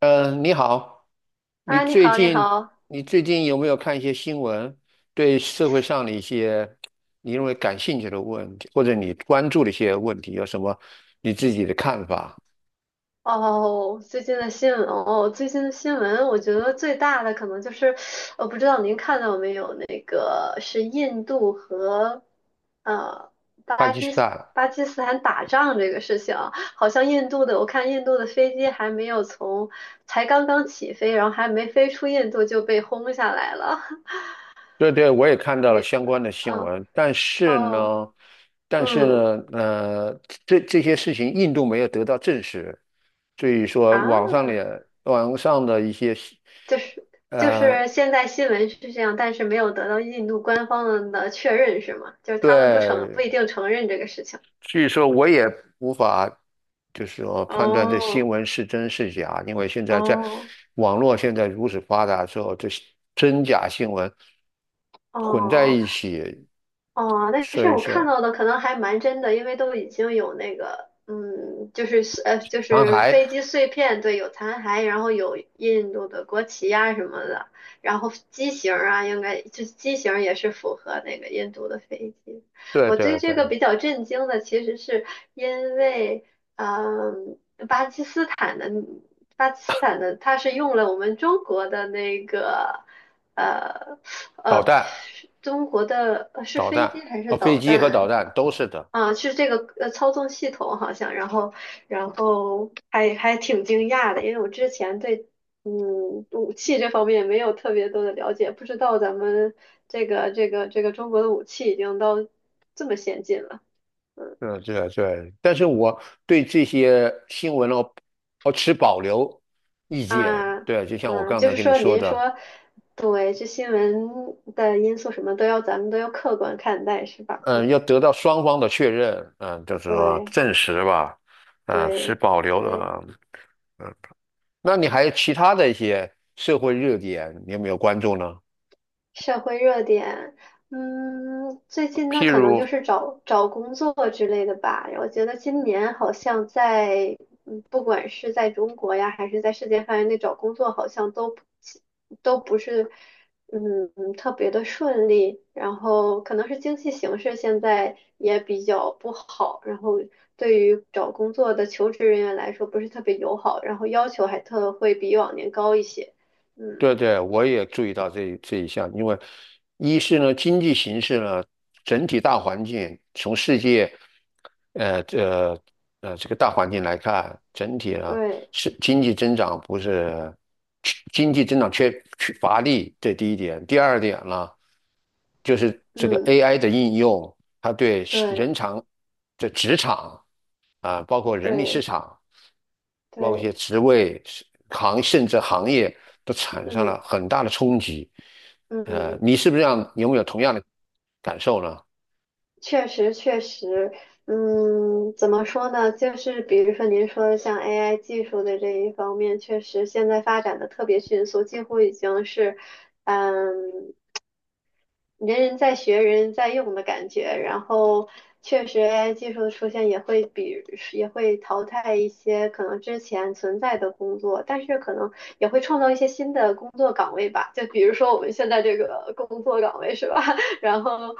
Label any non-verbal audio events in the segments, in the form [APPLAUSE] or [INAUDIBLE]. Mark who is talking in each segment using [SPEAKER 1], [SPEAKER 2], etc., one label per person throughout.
[SPEAKER 1] 你好，你
[SPEAKER 2] 啊，你
[SPEAKER 1] 最
[SPEAKER 2] 好，你
[SPEAKER 1] 近
[SPEAKER 2] 好。
[SPEAKER 1] 你最近有没有看一些新闻？对社会上的一些你认为感兴趣的问题，或者你关注的一些问题，有什么你自己的看法？
[SPEAKER 2] 哦，最近的新闻哦，最近的新闻，我觉得最大的可能就是，我不知道您看到没有，那个是印度和呃
[SPEAKER 1] 巴
[SPEAKER 2] 巴
[SPEAKER 1] 基斯
[SPEAKER 2] 基斯
[SPEAKER 1] 坦。
[SPEAKER 2] 巴基斯坦打仗这个事情啊，好像印度的，我看印度的飞机还没有从，才刚刚起飞，然后还没飞出印度就被轰下来了。[LAUGHS]
[SPEAKER 1] 对对，我也看到了
[SPEAKER 2] 你，
[SPEAKER 1] 相关的新
[SPEAKER 2] 嗯，
[SPEAKER 1] 闻，但是
[SPEAKER 2] 哦，
[SPEAKER 1] 呢，但是
[SPEAKER 2] 嗯，
[SPEAKER 1] 呢，呃，这些事情印度没有得到证实，所以说网上
[SPEAKER 2] 啊。
[SPEAKER 1] 的网上的一些，
[SPEAKER 2] 就是就
[SPEAKER 1] 呃。
[SPEAKER 2] 是现在新闻是这样，但是没有得到印度官方的确认，是吗？就是他们不承不
[SPEAKER 1] 对，
[SPEAKER 2] 一定承认这个事情。
[SPEAKER 1] 所以说我也无法，就是说判断这新
[SPEAKER 2] 哦
[SPEAKER 1] 闻是真是假，因为现在在
[SPEAKER 2] 哦
[SPEAKER 1] 网络现在如此发达之后，这真假新闻混在
[SPEAKER 2] 哦，
[SPEAKER 1] 一起，
[SPEAKER 2] 哦，但
[SPEAKER 1] 所
[SPEAKER 2] 是
[SPEAKER 1] 以
[SPEAKER 2] 我看
[SPEAKER 1] 说
[SPEAKER 2] 到的可能还蛮真的，因为都已经有那个，嗯，就是，就
[SPEAKER 1] 残
[SPEAKER 2] 是
[SPEAKER 1] 骸。
[SPEAKER 2] 飞机碎片，对，有残骸，然后有印度的国旗呀、什么的，然后机型儿啊，应该就是机型儿也是符合那个印度的飞机。
[SPEAKER 1] 对
[SPEAKER 2] 我
[SPEAKER 1] 对
[SPEAKER 2] 对
[SPEAKER 1] 对，
[SPEAKER 2] 这个比较震惊的，其实是因为，嗯。巴基斯坦的巴基斯坦的它是用了我们中国的那个呃
[SPEAKER 1] 导
[SPEAKER 2] 呃
[SPEAKER 1] 弹、
[SPEAKER 2] 中国的呃是
[SPEAKER 1] 导
[SPEAKER 2] 飞
[SPEAKER 1] 弹
[SPEAKER 2] 机还是
[SPEAKER 1] 啊，飞
[SPEAKER 2] 导
[SPEAKER 1] 机和导
[SPEAKER 2] 弹
[SPEAKER 1] 弹都是的。
[SPEAKER 2] 啊？是这个呃操纵系统好像，然后然后还挺惊讶的，因为我之前对嗯武器这方面没有特别多的了解，不知道咱们这个中国的武器已经到这么先进了。嗯。
[SPEAKER 1] 对对对。但是我对这些新闻呢，我持保留意见。
[SPEAKER 2] 啊，
[SPEAKER 1] 对，就像我
[SPEAKER 2] 啊，
[SPEAKER 1] 刚
[SPEAKER 2] 就
[SPEAKER 1] 才
[SPEAKER 2] 是
[SPEAKER 1] 跟你
[SPEAKER 2] 说，
[SPEAKER 1] 说
[SPEAKER 2] 您
[SPEAKER 1] 的。
[SPEAKER 2] 说，对，这新闻的因素什么都要，咱们都要客观看待，是吧？
[SPEAKER 1] 嗯，要
[SPEAKER 2] 嗯，
[SPEAKER 1] 得到双方的确认，嗯，就是说
[SPEAKER 2] 对，
[SPEAKER 1] 证实吧，嗯，是
[SPEAKER 2] 对，
[SPEAKER 1] 保留
[SPEAKER 2] 对。
[SPEAKER 1] 了。那你还有其他的一些社会热点，你有没有关注呢？
[SPEAKER 2] 社会热点，嗯，最近那
[SPEAKER 1] 譬
[SPEAKER 2] 可能就
[SPEAKER 1] 如。
[SPEAKER 2] 是找找工作之类的吧。我觉得今年好像在，嗯，不管是在中国呀，还是在世界范围内找工作，好像都不是，嗯，特别的顺利。然后可能是经济形势现在也比较不好，然后对于找工作的求职人员来说不是特别友好，然后要求还特会比往年高一些。
[SPEAKER 1] 对
[SPEAKER 2] 嗯，
[SPEAKER 1] 对，我也注意到这一项，因为一是呢，经济形势呢，整体大环境从世界，呃这这个大环境来看，整体呢
[SPEAKER 2] 对，
[SPEAKER 1] 是经济增长不是经济增长缺乏力，这第一点。第二点呢，就是这个
[SPEAKER 2] 嗯，
[SPEAKER 1] AI 的应用，它对
[SPEAKER 2] 对。
[SPEAKER 1] 人场这职场，啊，包括人力市
[SPEAKER 2] 对
[SPEAKER 1] 场，包括一些
[SPEAKER 2] 对，
[SPEAKER 1] 职位、甚至行业都产生
[SPEAKER 2] 嗯
[SPEAKER 1] 了很大的冲击。
[SPEAKER 2] 嗯，
[SPEAKER 1] 你是不是这样？你有没有同样的感受呢？
[SPEAKER 2] 确实确实，嗯，怎么说呢？就是比如说您说的像 AI 技术的这一方面，确实现在发展的特别迅速，几乎已经是，嗯。人人在学，人人在用的感觉。然后，确实 AI 技术的出现也会淘汰一些可能之前存在的工作，但是可能也会创造一些新的工作岗位吧。就比如说我们现在这个工作岗位是吧？[LAUGHS] 然后，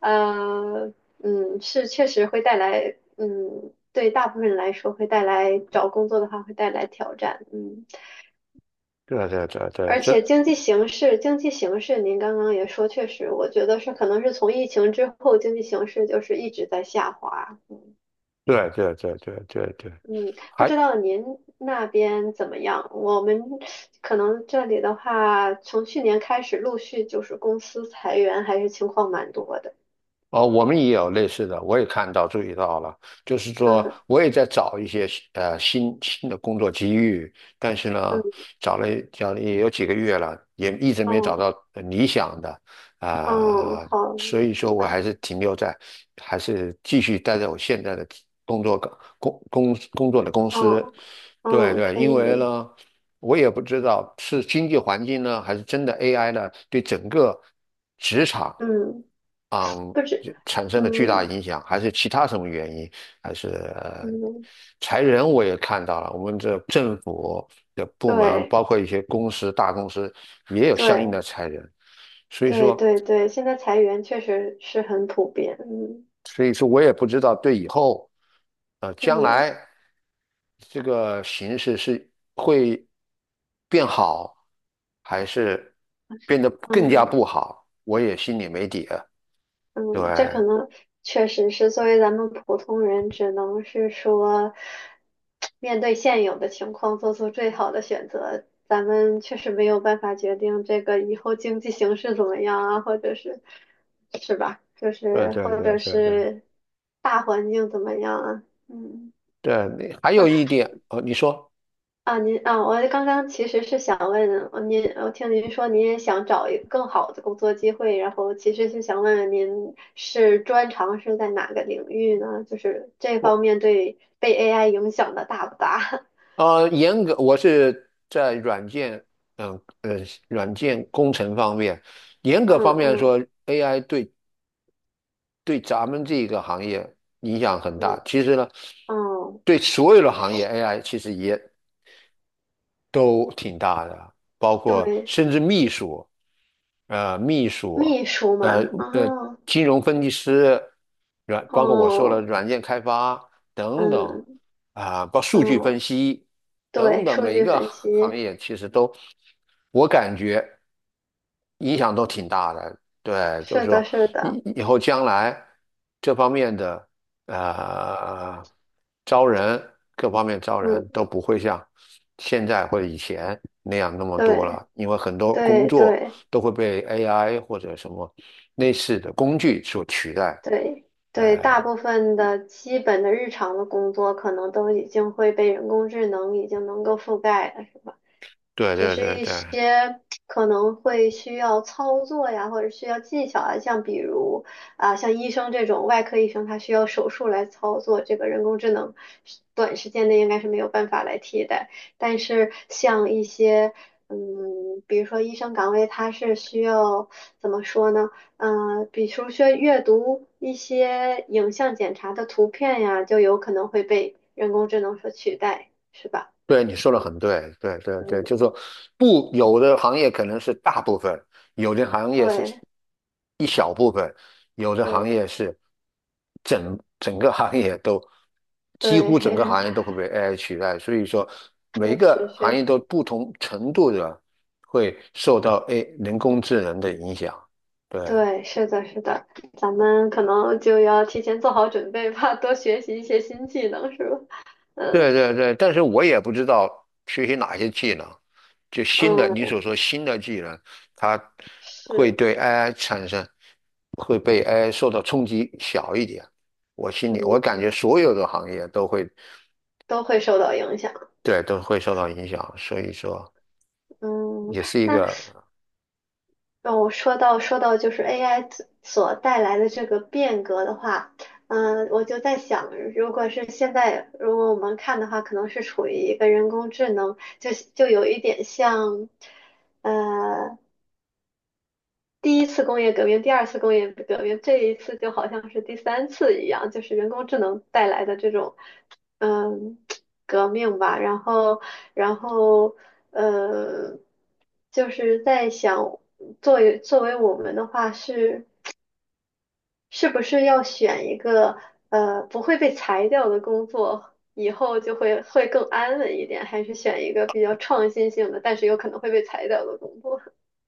[SPEAKER 2] 呃，嗯，是确实会带来，嗯，对大部分人来说会带来找工作的话会带来挑战，嗯。
[SPEAKER 1] 对对对对，
[SPEAKER 2] 而
[SPEAKER 1] 这
[SPEAKER 2] 且经济形势您刚刚也说，确实，我觉得是可能是从疫情之后，经济形势就是一直在下滑。
[SPEAKER 1] 对对对对对对。
[SPEAKER 2] 嗯，不
[SPEAKER 1] 还
[SPEAKER 2] 知道您那边怎么样？我们可能这里的话，从去年开始陆续就是公司裁员，还是情况蛮多的。
[SPEAKER 1] 哦，我们也有类似的，我也看到注意到了，就是说
[SPEAKER 2] 嗯
[SPEAKER 1] 我也在找一些新的工作机遇，但是呢，
[SPEAKER 2] 嗯
[SPEAKER 1] 找了也有几个月了，也一直没找
[SPEAKER 2] 嗯
[SPEAKER 1] 到理想的
[SPEAKER 2] 嗯，
[SPEAKER 1] 啊，
[SPEAKER 2] 好
[SPEAKER 1] 所以说我
[SPEAKER 2] 啊，
[SPEAKER 1] 还是停留在，还是继续待在我现在的工作岗工工工作的公司。
[SPEAKER 2] 嗯
[SPEAKER 1] 对
[SPEAKER 2] 嗯，
[SPEAKER 1] 对，
[SPEAKER 2] 可
[SPEAKER 1] 因
[SPEAKER 2] 以
[SPEAKER 1] 为
[SPEAKER 2] 理，
[SPEAKER 1] 呢，我也不知道是经济环境呢，还是真的 AI 呢对整个职场，
[SPEAKER 2] 嗯，不止，
[SPEAKER 1] 就产生了巨大
[SPEAKER 2] 嗯
[SPEAKER 1] 影响，还是其他什么原因？还是呃
[SPEAKER 2] 嗯，
[SPEAKER 1] 裁人我也看到了，我们这政府的部门，
[SPEAKER 2] 对
[SPEAKER 1] 包括一些公司、大公司也有相应
[SPEAKER 2] 对。
[SPEAKER 1] 的裁人，所以
[SPEAKER 2] 对
[SPEAKER 1] 说，
[SPEAKER 2] 对对，现在裁员确实是很普遍，嗯
[SPEAKER 1] 所以说我也不知道对以后，将
[SPEAKER 2] 嗯
[SPEAKER 1] 来这个形势是会变好，还是变得更加
[SPEAKER 2] 嗯
[SPEAKER 1] 不好，我也心里没底啊。对，
[SPEAKER 2] 嗯，这可能确实是作为咱们普通人，只能是说面对现有的情况做出最好的选择。咱们确实没有办法决定这个以后经济形势怎么样啊，或者是是吧？就
[SPEAKER 1] 对
[SPEAKER 2] 是
[SPEAKER 1] 对
[SPEAKER 2] 或
[SPEAKER 1] 对
[SPEAKER 2] 者
[SPEAKER 1] 对对。
[SPEAKER 2] 是大环境怎么样啊？嗯
[SPEAKER 1] 对，你还有一点，哦，你说
[SPEAKER 2] 啊，您啊，我刚刚其实是想问您，我听您说您也想找一个更好的工作机会，然后其实是想问问您是专长是在哪个领域呢？就是这方
[SPEAKER 1] 我
[SPEAKER 2] 面对被 AI 影响的大不大？
[SPEAKER 1] 我是在软件，嗯呃，软件工程方面，严
[SPEAKER 2] [LAUGHS] 嗯
[SPEAKER 1] 格方面说
[SPEAKER 2] 嗯
[SPEAKER 1] ，AI 对咱们这个行业影响很大。
[SPEAKER 2] 嗯，
[SPEAKER 1] 其实呢，
[SPEAKER 2] 哦，
[SPEAKER 1] 对所有的行业，AI 其实也都挺大的，包括
[SPEAKER 2] 对，
[SPEAKER 1] 甚至秘书，呃，秘书，
[SPEAKER 2] 秘书
[SPEAKER 1] 呃
[SPEAKER 2] 嘛，
[SPEAKER 1] 呃，
[SPEAKER 2] 哦
[SPEAKER 1] 金融分析师，包括我说了
[SPEAKER 2] 哦，
[SPEAKER 1] 软件开发等等，
[SPEAKER 2] 嗯
[SPEAKER 1] 啊、包括数据分
[SPEAKER 2] 嗯，
[SPEAKER 1] 析等
[SPEAKER 2] 对，
[SPEAKER 1] 等，
[SPEAKER 2] 数
[SPEAKER 1] 每一
[SPEAKER 2] 据
[SPEAKER 1] 个
[SPEAKER 2] 分析，
[SPEAKER 1] 行业其实都，我感觉影响都挺大的。对，就是
[SPEAKER 2] 是的，
[SPEAKER 1] 说
[SPEAKER 2] 是的，
[SPEAKER 1] 以后将来这方面的，呃，招人各方面招人
[SPEAKER 2] 嗯，
[SPEAKER 1] 都不会像现在或者以前那样那么多
[SPEAKER 2] 对
[SPEAKER 1] 了，因为很多工
[SPEAKER 2] 对
[SPEAKER 1] 作
[SPEAKER 2] 对。
[SPEAKER 1] 都会被 AI 或者什么类似的工具所取代。
[SPEAKER 2] 对
[SPEAKER 1] 呃，
[SPEAKER 2] 对，大部分的基本的日常的工作可能都已经会被人工智能已经能够覆盖了。
[SPEAKER 1] 对
[SPEAKER 2] 只
[SPEAKER 1] 对
[SPEAKER 2] 是
[SPEAKER 1] 对
[SPEAKER 2] 一
[SPEAKER 1] 对，
[SPEAKER 2] 些可能会需要操作呀，或者需要技巧啊，像比如啊，像医生这种外科医生，他需要手术来操作，这个人工智能是短时间内应该是没有办法来替代。但是像一些嗯，比如说医生岗位，它是需要怎么说呢？嗯、比如说阅读一些影像检查的图片呀，就有可能会被人工智能所取代，是吧？
[SPEAKER 1] 对，你说的很对，对对对，就是
[SPEAKER 2] 嗯，
[SPEAKER 1] 说，不，有的行业可能是大部分，有的行业是
[SPEAKER 2] 对。
[SPEAKER 1] 一小部分，有的行业
[SPEAKER 2] 对。
[SPEAKER 1] 是整整个行业都几乎
[SPEAKER 2] 对，
[SPEAKER 1] 整个
[SPEAKER 2] [LAUGHS]
[SPEAKER 1] 行业都会被 AI 取代，所以说每一
[SPEAKER 2] 确实
[SPEAKER 1] 个行
[SPEAKER 2] 确
[SPEAKER 1] 业都
[SPEAKER 2] 实，
[SPEAKER 1] 不同程度的会受到 A 人工智能的影响。对，
[SPEAKER 2] 对，是的，是的，咱们可能就要提前做好准备吧，多学习一些新技能，是吧？嗯
[SPEAKER 1] 对对对，但是我也不知道学习哪些技能，就新的，你
[SPEAKER 2] 嗯，
[SPEAKER 1] 所说新的技能，它
[SPEAKER 2] 是，
[SPEAKER 1] 会对 AI 产生，会被 AI 受到冲击小一点。我心里，我感
[SPEAKER 2] 嗯，
[SPEAKER 1] 觉所有的行业都会，
[SPEAKER 2] 都会受到影响。
[SPEAKER 1] 对，都会受到影响，所以说
[SPEAKER 2] 嗯，
[SPEAKER 1] 也是一
[SPEAKER 2] 那
[SPEAKER 1] 个。
[SPEAKER 2] 让我说到就是 AI 所带来的这个变革的话，嗯，我就在想，如果是现在，如果我们看的话，可能是处于一个人工智能，就有一点像。呃，第一次工业革命、第二次工业革命，这一次就好像是第三次一样，就是人工智能带来的这种，嗯，革命吧。然后，然后，呃，就是在想，作为我们的话，是是不是要选一个不会被裁掉的工作，以后就会更安稳一点，还是选一个比较创新性的，但是有可能会被裁掉的工作？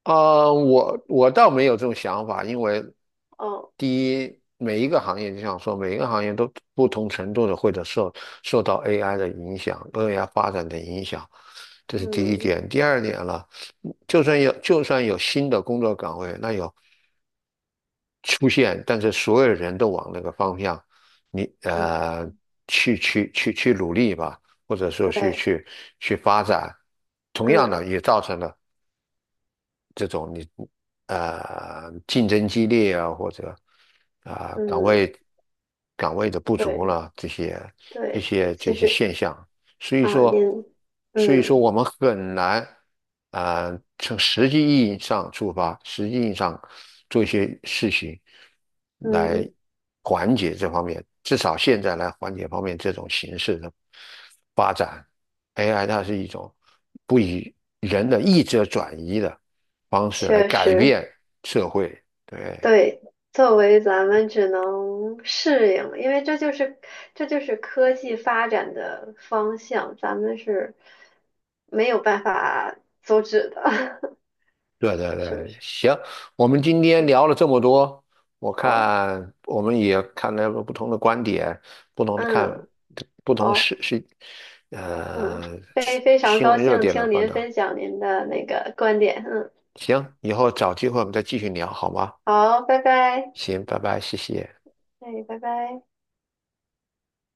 [SPEAKER 1] 我倒没有这种想法，因为
[SPEAKER 2] [LAUGHS] 哦，
[SPEAKER 1] 第一，每一个行业就像说，每一个行业都不同程度的会者受受到 AI 的影响，AI 发展的影响，这是第一
[SPEAKER 2] 嗯，
[SPEAKER 1] 点。第二点了，就算有新的工作岗位，那有出现，但是所有人都往那个方向，你
[SPEAKER 2] 嗯，
[SPEAKER 1] 呃去努力吧，或者说
[SPEAKER 2] 对，
[SPEAKER 1] 去发展，同样
[SPEAKER 2] 嗯。
[SPEAKER 1] 的也造成了竞争激烈啊，或者啊、岗
[SPEAKER 2] 嗯，
[SPEAKER 1] 位的不足
[SPEAKER 2] 对
[SPEAKER 1] 了一
[SPEAKER 2] 对，
[SPEAKER 1] 些
[SPEAKER 2] 其
[SPEAKER 1] 这些
[SPEAKER 2] 实
[SPEAKER 1] 现象，所以
[SPEAKER 2] 啊，
[SPEAKER 1] 说
[SPEAKER 2] 您，
[SPEAKER 1] 所以说
[SPEAKER 2] 嗯
[SPEAKER 1] 我们很难，从实际意义上出发，实际意义上做一些事情来
[SPEAKER 2] 嗯，
[SPEAKER 1] 缓解这方面，至少现在来缓解方面这种形式的发展。AI 它是一种不以人的意志而转移的方式来
[SPEAKER 2] 确
[SPEAKER 1] 改
[SPEAKER 2] 实
[SPEAKER 1] 变社会。对，
[SPEAKER 2] 对。作为咱们只能适应，因为这就是科技发展的方向，咱们是没有办法阻止的，
[SPEAKER 1] 对对
[SPEAKER 2] [LAUGHS] 是不
[SPEAKER 1] 对，
[SPEAKER 2] 是？
[SPEAKER 1] 行，我们今天
[SPEAKER 2] 嗯，
[SPEAKER 1] 聊了这么多，我
[SPEAKER 2] 好，
[SPEAKER 1] 看我们也看了不同的观点，不同的
[SPEAKER 2] 嗯，
[SPEAKER 1] 看，不同
[SPEAKER 2] 好，
[SPEAKER 1] 事事，
[SPEAKER 2] 嗯，
[SPEAKER 1] 呃，
[SPEAKER 2] 非
[SPEAKER 1] 是
[SPEAKER 2] 非常
[SPEAKER 1] 新
[SPEAKER 2] 高
[SPEAKER 1] 闻热
[SPEAKER 2] 兴
[SPEAKER 1] 点的，
[SPEAKER 2] 听
[SPEAKER 1] 反
[SPEAKER 2] 您
[SPEAKER 1] 正
[SPEAKER 2] 分享您的那个观点，嗯，
[SPEAKER 1] 行，以后找机会我们再继续聊，好吗？
[SPEAKER 2] 好，拜拜，
[SPEAKER 1] 行，拜拜，谢谢。
[SPEAKER 2] 哎，拜拜。